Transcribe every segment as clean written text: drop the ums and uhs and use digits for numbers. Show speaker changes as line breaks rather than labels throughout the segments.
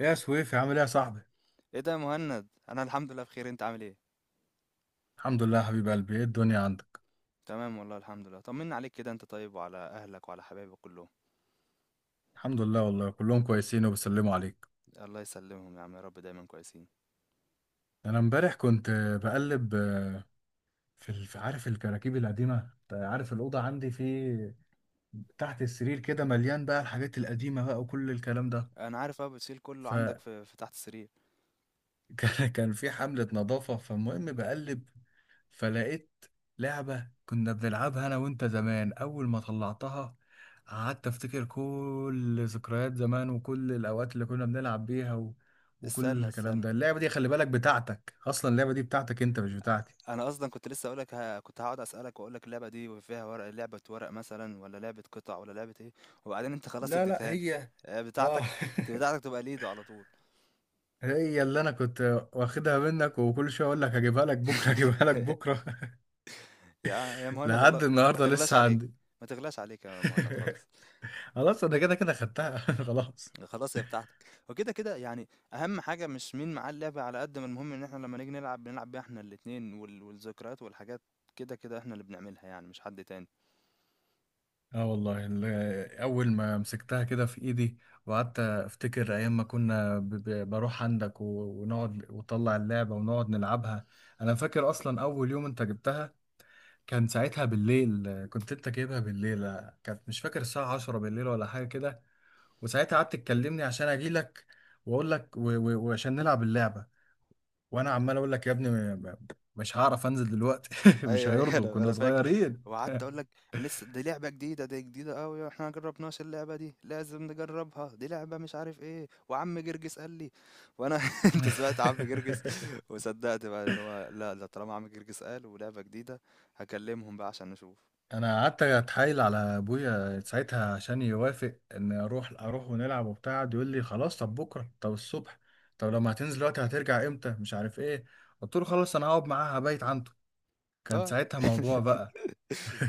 ايه يا سويفي، عامل ايه يا صاحبي؟
ايه ده يا مهند، انا الحمد لله بخير. انت عامل ايه؟
الحمد لله يا حبيب قلبي، ايه الدنيا عندك؟
تمام والله الحمد لله. طمنا عليك كده. انت طيب وعلى اهلك وعلى حبايبك كلهم؟
الحمد لله والله كلهم كويسين وبيسلموا عليك.
الله يسلمهم يا عم، يا رب دايما كويسين.
انا امبارح كنت بقلب، عارف الكراكيب القديمه، أنت عارف الاوضه عندي في تحت السرير كده، مليان بقى الحاجات القديمه بقى وكل الكلام
انا عارف بقى بتشيل كله عندك
ده.
في تحت السرير.
كان في حملة نظافة، فالمهم بقلب، فلقيت لعبة كنا بنلعبها أنا وأنت زمان. أول ما طلعتها، قعدت أفتكر كل ذكريات زمان وكل الأوقات اللي كنا بنلعب بيها وكل
استنى
الكلام
استنى،
ده. اللعبة دي خلي بالك بتاعتك، أصلا اللعبة دي بتاعتك أنت مش بتاعتي.
انا اصلا كنت لسه اقولك. ها، كنت هقعد اسالك واقول لك اللعبه دي فيها ورق لعبه، ورق مثلا، ولا لعبه قطع، ولا لعبه ايه؟ وبعدين انت خلاص
لا، لا،
اديتها لي.
هي. اه.
بتاعتك. بتاعتك تبقى ليدو على طول.
هي اللي انا كنت واخدها منك، وكل شويه اقول لك هجيبها لك بكره، هجيبها لك بكره.
يا يا مهند والله
لحد
ما
النهارده
تغلاش
لسه
عليك.
عندي.
ما تغلاش عليك يا مهند خالص.
خلاص انا كده كده خدتها. خلاص.
خلاص هي بتاعتك، وكده كده يعني. اهم حاجه مش مين معاه اللعبه، على قد ما المهم ان احنا لما نيجي نلعب بنلعب بيها احنا الاتنين، والذكريات والحاجات. كده كده احنا اللي بنعملها يعني، مش حد تاني.
اه والله، اول ما مسكتها كده في ايدي، وقعدت افتكر ايام ما كنا بروح عندك، ونقعد وطلع اللعبه ونقعد نلعبها. انا فاكر اصلا اول يوم انت جبتها، كان ساعتها بالليل. كنت انت جايبها بالليل، كانت مش فاكر الساعه 10 بالليل ولا حاجه كده. وساعتها قعدت تكلمني عشان اجيلك واقول لك، وعشان نلعب اللعبه. وانا عمال اقول لك يا ابني، م- مش هعرف انزل دلوقتي. مش
اي اي.
هيرضوا،
انا
كنا
انا فاكر.
صغيرين.
وقعدت اقول لك لسه دي لعبه جديده، دي جديده قوي، احنا ما جربناش اللعبه دي، لازم نجربها، دي لعبه مش عارف ايه، وعم جرجس قال لي. وانا انت سمعت عم جرجس وصدقت بقى ان هو؟ لا ده طالما عم جرجس قال ولعبه جديده، هكلمهم بقى عشان نشوف.
انا قعدت اتحايل على ابويا ساعتها عشان يوافق ان اروح، ونلعب وبتاع. قعد يقول لي خلاص، طب بكره، طب الصبح، طب لما هتنزل دلوقتي هترجع امتى، مش عارف ايه. قلت له خلاص انا هقعد معاها، هبيت عنده. كان
اه،
ساعتها موضوع بقى،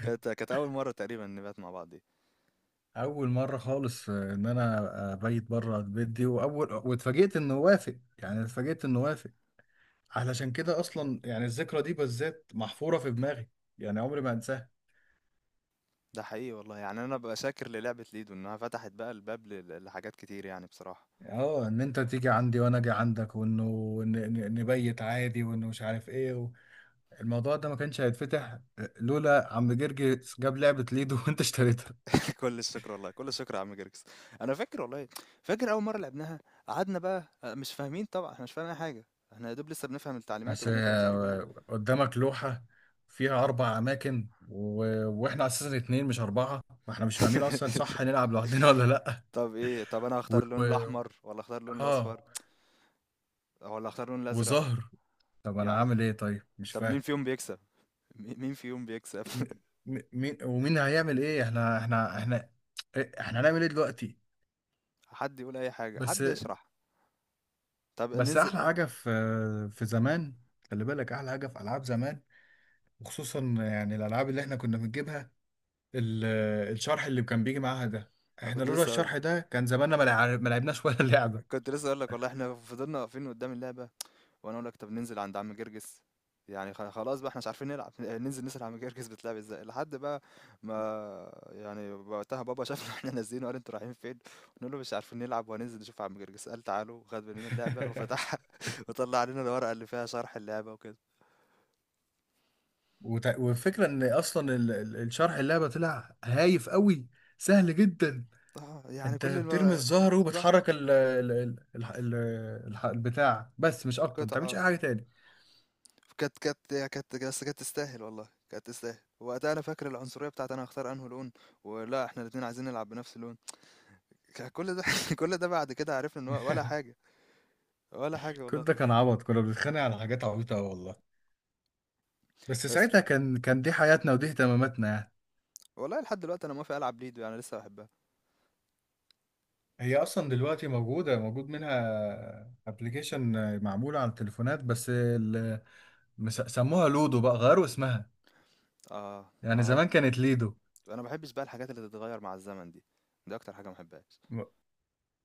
كانت اول مره تقريبا نبات مع بعض.
اول مره خالص ان انا ابيت بره البيت دي، واول، واتفاجئت انه وافق، يعني اتفاجئت انه وافق. علشان كده اصلا يعني الذكرى دي بالذات محفوره في دماغي، يعني عمري ما انساها.
ده حقيقي والله، يعني انا ببقى شاكر للعبة ليدو انها فتحت بقى الباب لحاجات كتير يعني بصراحة.
اه، ان انت تيجي عندي وانا اجي عندك، وانه نبيت عادي، وانه مش عارف ايه الموضوع ده ما كانش هيتفتح لولا عم جرجي جاب لعبة ليدو. وانت اشتريتها.
كل الشكر والله، كل الشكر يا عم جيركس. انا فاكر والله، فاكر اول مرة لعبناها. قعدنا بقى، مش فاهمين طبعا، احنا مش فاهمين اي حاجة. احنا يا دوب لسه بنفهم التعليمات
بس،
وبنفهم مش عارف ايه.
قدامك لوحة فيها اربع اماكن، واحنا اساسا اتنين مش اربعة، واحنا مش فاهمين اصلا صح نلعب لوحدنا ولا لا.
طب ايه؟ طب انا
و...
هختار اللون
و...
الاحمر، ولا اختار اللون
اه.
الاصفر، ولا اختار اللون الازرق؟
وظهر، طب انا
يعني
عامل ايه طيب، مش
طب
فاهم.
مين فيهم بيكسب؟ مين فيهم بيكسب؟
مين ومين هيعمل ايه، احنا إيه، احنا هنعمل ايه دلوقتي؟
حد يقول اي حاجة،
بس.
حد يشرح. طب
احلى
ننزل.
حاجه في زمان، خلي بالك احلى حاجه في العاب زمان، وخصوصا يعني الالعاب اللي احنا كنا بنجيبها، ال- الشرح اللي كان بيجي معاها ده،
أنا
احنا
كنت
لولا
لسه،
الشرح ده كان زماننا ما لعبناش ولا لعبه.
كنت لسه اقول لك والله احنا فضلنا واقفين قدام اللعبة. وانا اقول لك طب ننزل عند عم جرجس، يعني خلاص بقى احنا مش عارفين نلعب، ننزل نسأل عم جرجس بتلعب ازاي؟ لحد بقى ما يعني وقتها بابا شافنا احنا نازلين وقال انتوا رايحين فين؟ نقول له مش عارفين نلعب وهننزل نشوف عم جرجس. قال تعالوا، خد مننا اللعبة وفتحها وطلع علينا الورقة اللي فيها شرح اللعبة وكده.
والفكره ان اصلا الشرح اللعبه طلع هايف قوي، سهل جدا.
اه يعني
انت بترمي الزهر
ظهر
وبتحرك ال ال البتاع، بس مش اكتر، ما بتعملش
القطعة.
اي حاجه تاني.
كانت تستاهل والله، كانت تستاهل. وقتها انا فاكر العنصريه بتاعت انا هختار انه لون، ولا احنا الاتنين عايزين نلعب بنفس اللون. كان كل ده كل ده بعد كده عرفنا ان هو ولا حاجه، ولا حاجه
كل
والله.
ده كان عبط، كنا بنتخانق على حاجات عبيطه أوي والله. بس
بس
ساعتها كان دي حياتنا ودي اهتماماتنا يعني.
والله لحد دلوقتي انا موافق العب ليدو، يعني لسه بحبها.
هي اصلا دلوقتي موجود منها ابلكيشن معمول على التليفونات. بس سموها لودو بقى، غيروا اسمها.
اه
يعني
اه.
زمان كانت ليدو.
انا ما بحبش بقى الحاجات اللي تتغير مع الزمن دي، دي اكتر حاجه ما بحبهاش.
م-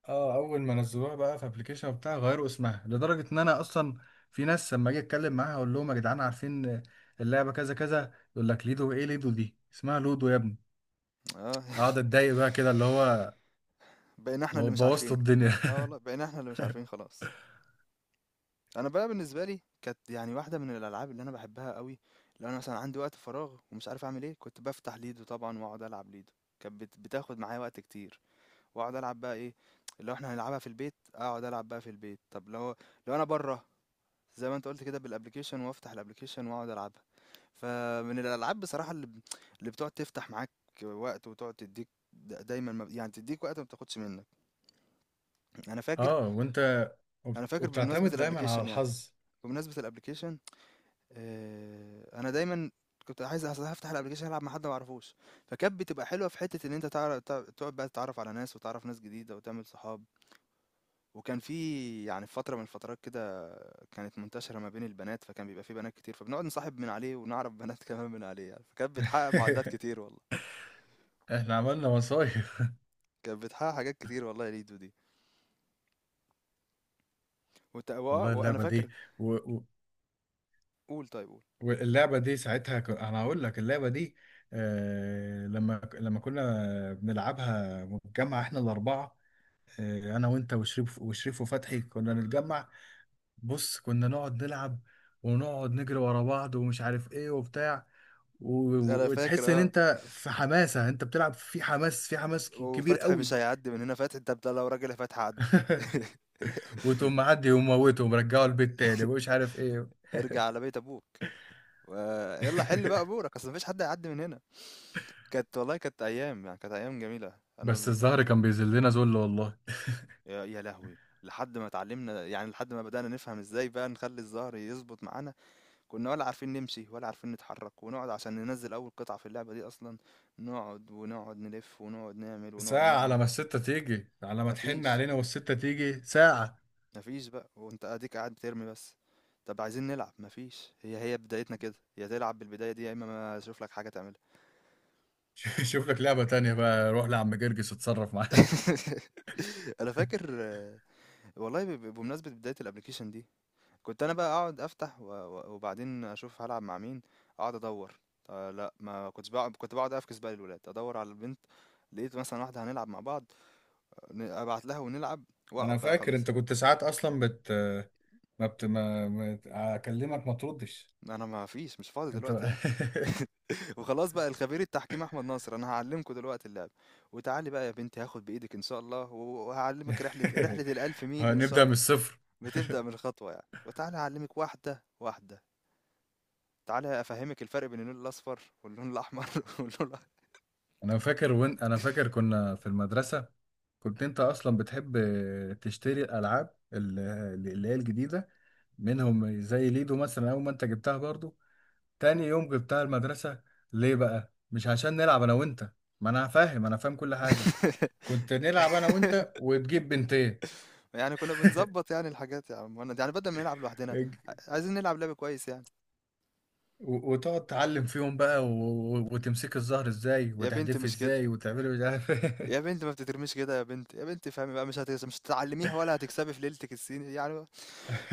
اه، اول ما نزلوها بقى في ابلكيشن وبتاع غيروا اسمها، لدرجه ان انا اصلا في ناس لما اجي اتكلم معاها اقول لهم يا جدعان عارفين اللعبه كذا كذا، يقول لك ليدو، ايه ليدو، دي اسمها لودو يا ابني.
اه.
اقعد اتضايق بقى كده، اللي هو
بقينا احنا اللي مش
بوظت
عارفين.
الدنيا.
اه والله بقينا احنا اللي مش عارفين خلاص. انا بقى بالنسبه لي كانت يعني واحده من الالعاب اللي انا بحبها قوي. لو انا مثلا عندي وقت فراغ ومش عارف اعمل ايه، كنت بفتح ليدو طبعا واقعد العب ليدو. كانت بتاخد معايا وقت كتير. واقعد العب بقى ايه؟ لو احنا هنلعبها في البيت اقعد العب بقى في البيت. طب لو، لو انا بره، زي ما انت قلت كده بالابلكيشن، وافتح الابلكيشن واقعد العبها. فمن الالعاب بصراحه اللي اللي بتقعد تفتح معاك وقت، وتقعد تديك، دايما يعني تديك وقت ما بتاخدش منك. انا فاكر.
اه. وانت
انا فاكر بمناسبه
وبتعتمد دايما على
الابلكيشن يعني،
الحظ.
بمناسبه الابلكيشن. انا دايما كنت عايز افتح الابلكيشن العب مع حد ما اعرفوش. فكانت بتبقى حلوه في حته ان انت تعرف تقعد بقى تتعرف على ناس، وتعرف ناس جديده، وتعمل صحاب. وكان في يعني في فتره من الفترات كده كانت منتشره ما بين البنات، فكان بيبقى في بنات كتير، فبنقعد نصاحب من عليه ونعرف بنات كمان من عليه يعني. فكانت بتحقق معادلات كتير والله.
احنا عملنا مصايف.
كانت بتحقق حاجات كتير والله يا ليدو دي.
والله
وانا
اللعبة
فاكر.
دي، و... و...
قول، طيب قول.
واللعبة دي ساعتها، انا هقول لك اللعبة دي، لما كنا بنلعبها مجمع احنا الأربعة، انا وانت وشريف وفتحي كنا نتجمع. بص كنا نقعد نلعب ونقعد نجري ورا بعض، ومش عارف ايه وبتاع، و...
انا فاكر
وتحس ان
اه.
انت في حماسة، انت بتلعب في حماس، كبير
وفتحي
قوي.
مش هيعدي من هنا. فتحي انت لو راجل يا فتحي عدي.
وتقوم معدي وموته ومرجعه البيت تاني، ومش عارف ايه.
ارجع على بيت ابوك، ويلا حل بقى امورك، اصل مفيش حد هيعدي من هنا. كانت والله كانت ايام، يعني كانت ايام جميله.
بس الزهر كان بيذلنا ذل والله.
يا يا لهوي، لحد ما اتعلمنا يعني، لحد ما بدأنا نفهم ازاي بقى نخلي الظهر يظبط معانا. كنا ولا عارفين نمشي، ولا عارفين نتحرك، ونقعد عشان ننزل اول قطعة في اللعبة دي اصلا. نقعد ونقعد نلف ونقعد نعمل ونقعد
ساعة
نرمي.
على ما الستة تيجي، على ما تحن
مفيش
علينا والستة تيجي، ساعة.
مفيش بقى، وانت اديك قاعد بترمي بس. طب عايزين نلعب، مفيش. هي هي بدايتنا كده، يا تلعب بالبداية دي يا اما ما اشوف لك حاجة تعملها.
شوف لك لعبة تانية بقى، روح لعم جرجس اتصرف معاه.
أنا فاكر والله ب ب بمناسبة بداية الapplication دي، كنت أنا بقى أقعد أفتح و و وبعدين أشوف هالعب مع مين، أقعد أدوّر، لأ ما كنتش باقعد، كنت باقعد أفكس بقى للولاد، أدوّر على البنت، لقيت مثلًا واحدة هنلعب مع بعض، ن أبعت لها ونلعب، وأقعد
انا
بقى
فاكر
خلاص،
انت كنت ساعات اصلا بت ما بت ما ما- اكلمك ما تردش،
أنا ما فيش مش فاضي
انت
دلوقتي
بقى.
يعني. وخلاص بقى الخبير التحكيم أحمد ناصر، أنا هاعلّمكم دلوقتي اللعبة، وتعالي بقى يا بنتي هاخد بإيدِك إن شاء الله، و وهاعلّمِك رحلة ال1000 ميل إن شاء.
هنبدأ من الصفر.
بتبدأ من الخطوة يعني، وتعالى أعلمك واحدة واحدة، تعالى أفهمك الفرق بين اللون الأصفر واللون الأحمر. واللون الأ-
انا فاكر كنا في المدرسة، كنت انت اصلا بتحب تشتري الالعاب، اللي هي الجديدة منهم، زي ليدو مثلا، اول ما انت جبتها برضو تاني يوم غبتها المدرسة. ليه بقى؟ مش عشان نلعب أنا وأنت؟ ما أنا فاهم كل حاجة. كنت نلعب أنا وأنت وتجيب بنتين،
يعني كنا بنظبط يعني الحاجات يا عم مهند، يعني بدل ما نلعب لوحدنا،
اج-
عايزين نلعب لعب كويس يعني.
وتقعد تعلم فيهم بقى، وتمسك الزهر ازاي،
يا بنت
وتحدفي
مش كده،
ازاي، وتعملي مش عارف
يا
ايه.
بنت ما بتترميش كده، يا بنت يا بنت فهمي بقى، مش هتعلميها ولا هتكسبي في ليلتك الصيني يعني.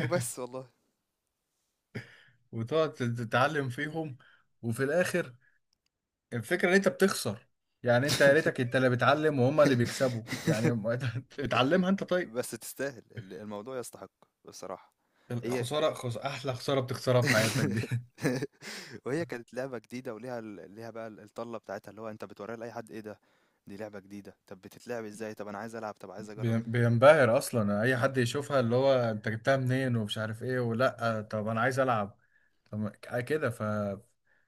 وبس والله.
وتقعد تتعلم فيهم، وفي الآخر الفكرة إن أنت بتخسر، يعني أنت يا ريتك أنت اللي بتعلم وهما اللي بيكسبوا يعني. اتعلمها أنت طيب.
بس تستاهل، الموضوع يستحق بصراحة. هي.
الخسارة، أحلى خسارة بتخسرها في حياتك دي.
وهي كانت لعبة جديدة وليها ليها بقى الطلة بتاعتها، اللي هو انت بتوريها لأي حد، ايه ده؟ دي لعبة جديدة. طب بتتلعب ازاي؟ طب انا عايز العب، طب عايز اجرب.
بينبهر اصلا اي حد يشوفها، اللي هو انت جبتها منين، ومش عارف ايه، ولا طب انا عايز العب. طب كده،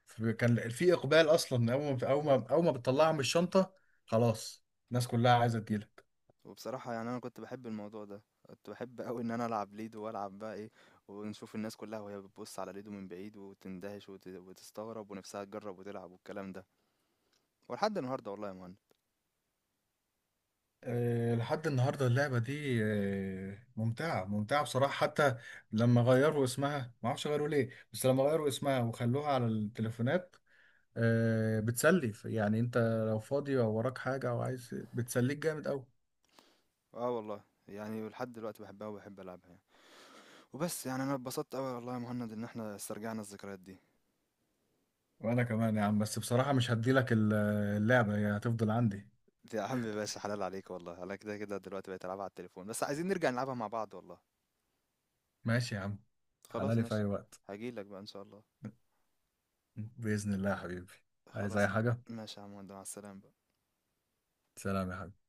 كان في اقبال اصلا، اول ما بتطلعها من الشنطه، خلاص، الناس كلها عايزه تجيلك.
وبصراحة يعني انا كنت بحب الموضوع ده، كنت بحب قوي ان انا العب ليدو، والعب بقى ايه، ونشوف الناس كلها وهي بتبص على ليدو من بعيد وتندهش، وتستغرب، ونفسها تجرب وتلعب والكلام ده. ولحد النهاردة والله يا مهند.
أه لحد النهارده اللعبه دي أه، ممتعه ممتعه بصراحه، حتى لما غيروا اسمها، ما اعرفش غيروا ليه، بس لما غيروا اسمها وخلوها على التليفونات، أه بتسلي يعني. انت لو فاضي او وراك حاجه او عايز، بتسليك جامد قوي.
اه والله يعني لحد دلوقتي بحبها وبحب العبها يعني. وبس يعني انا اتبسطت قوي والله يا مهند ان احنا استرجعنا الذكريات دي.
وانا كمان يا عم، بس بصراحة مش هديلك اللعبة، هي هتفضل عندي.
يا عم باشا حلال عليك والله، انا كده كده دلوقتي بقيت العبها على التليفون، بس عايزين نرجع نلعبها مع بعض والله.
ماشي يا عم، تعالى
خلاص
لي في
ماشي.
اي وقت،
هجيلك بقى ان شاء الله.
بإذن الله يا حبيبي، عايز اي
خلاص
حاجة.
ماشي يا عم، مع السلامة.
سلام يا حبيبي.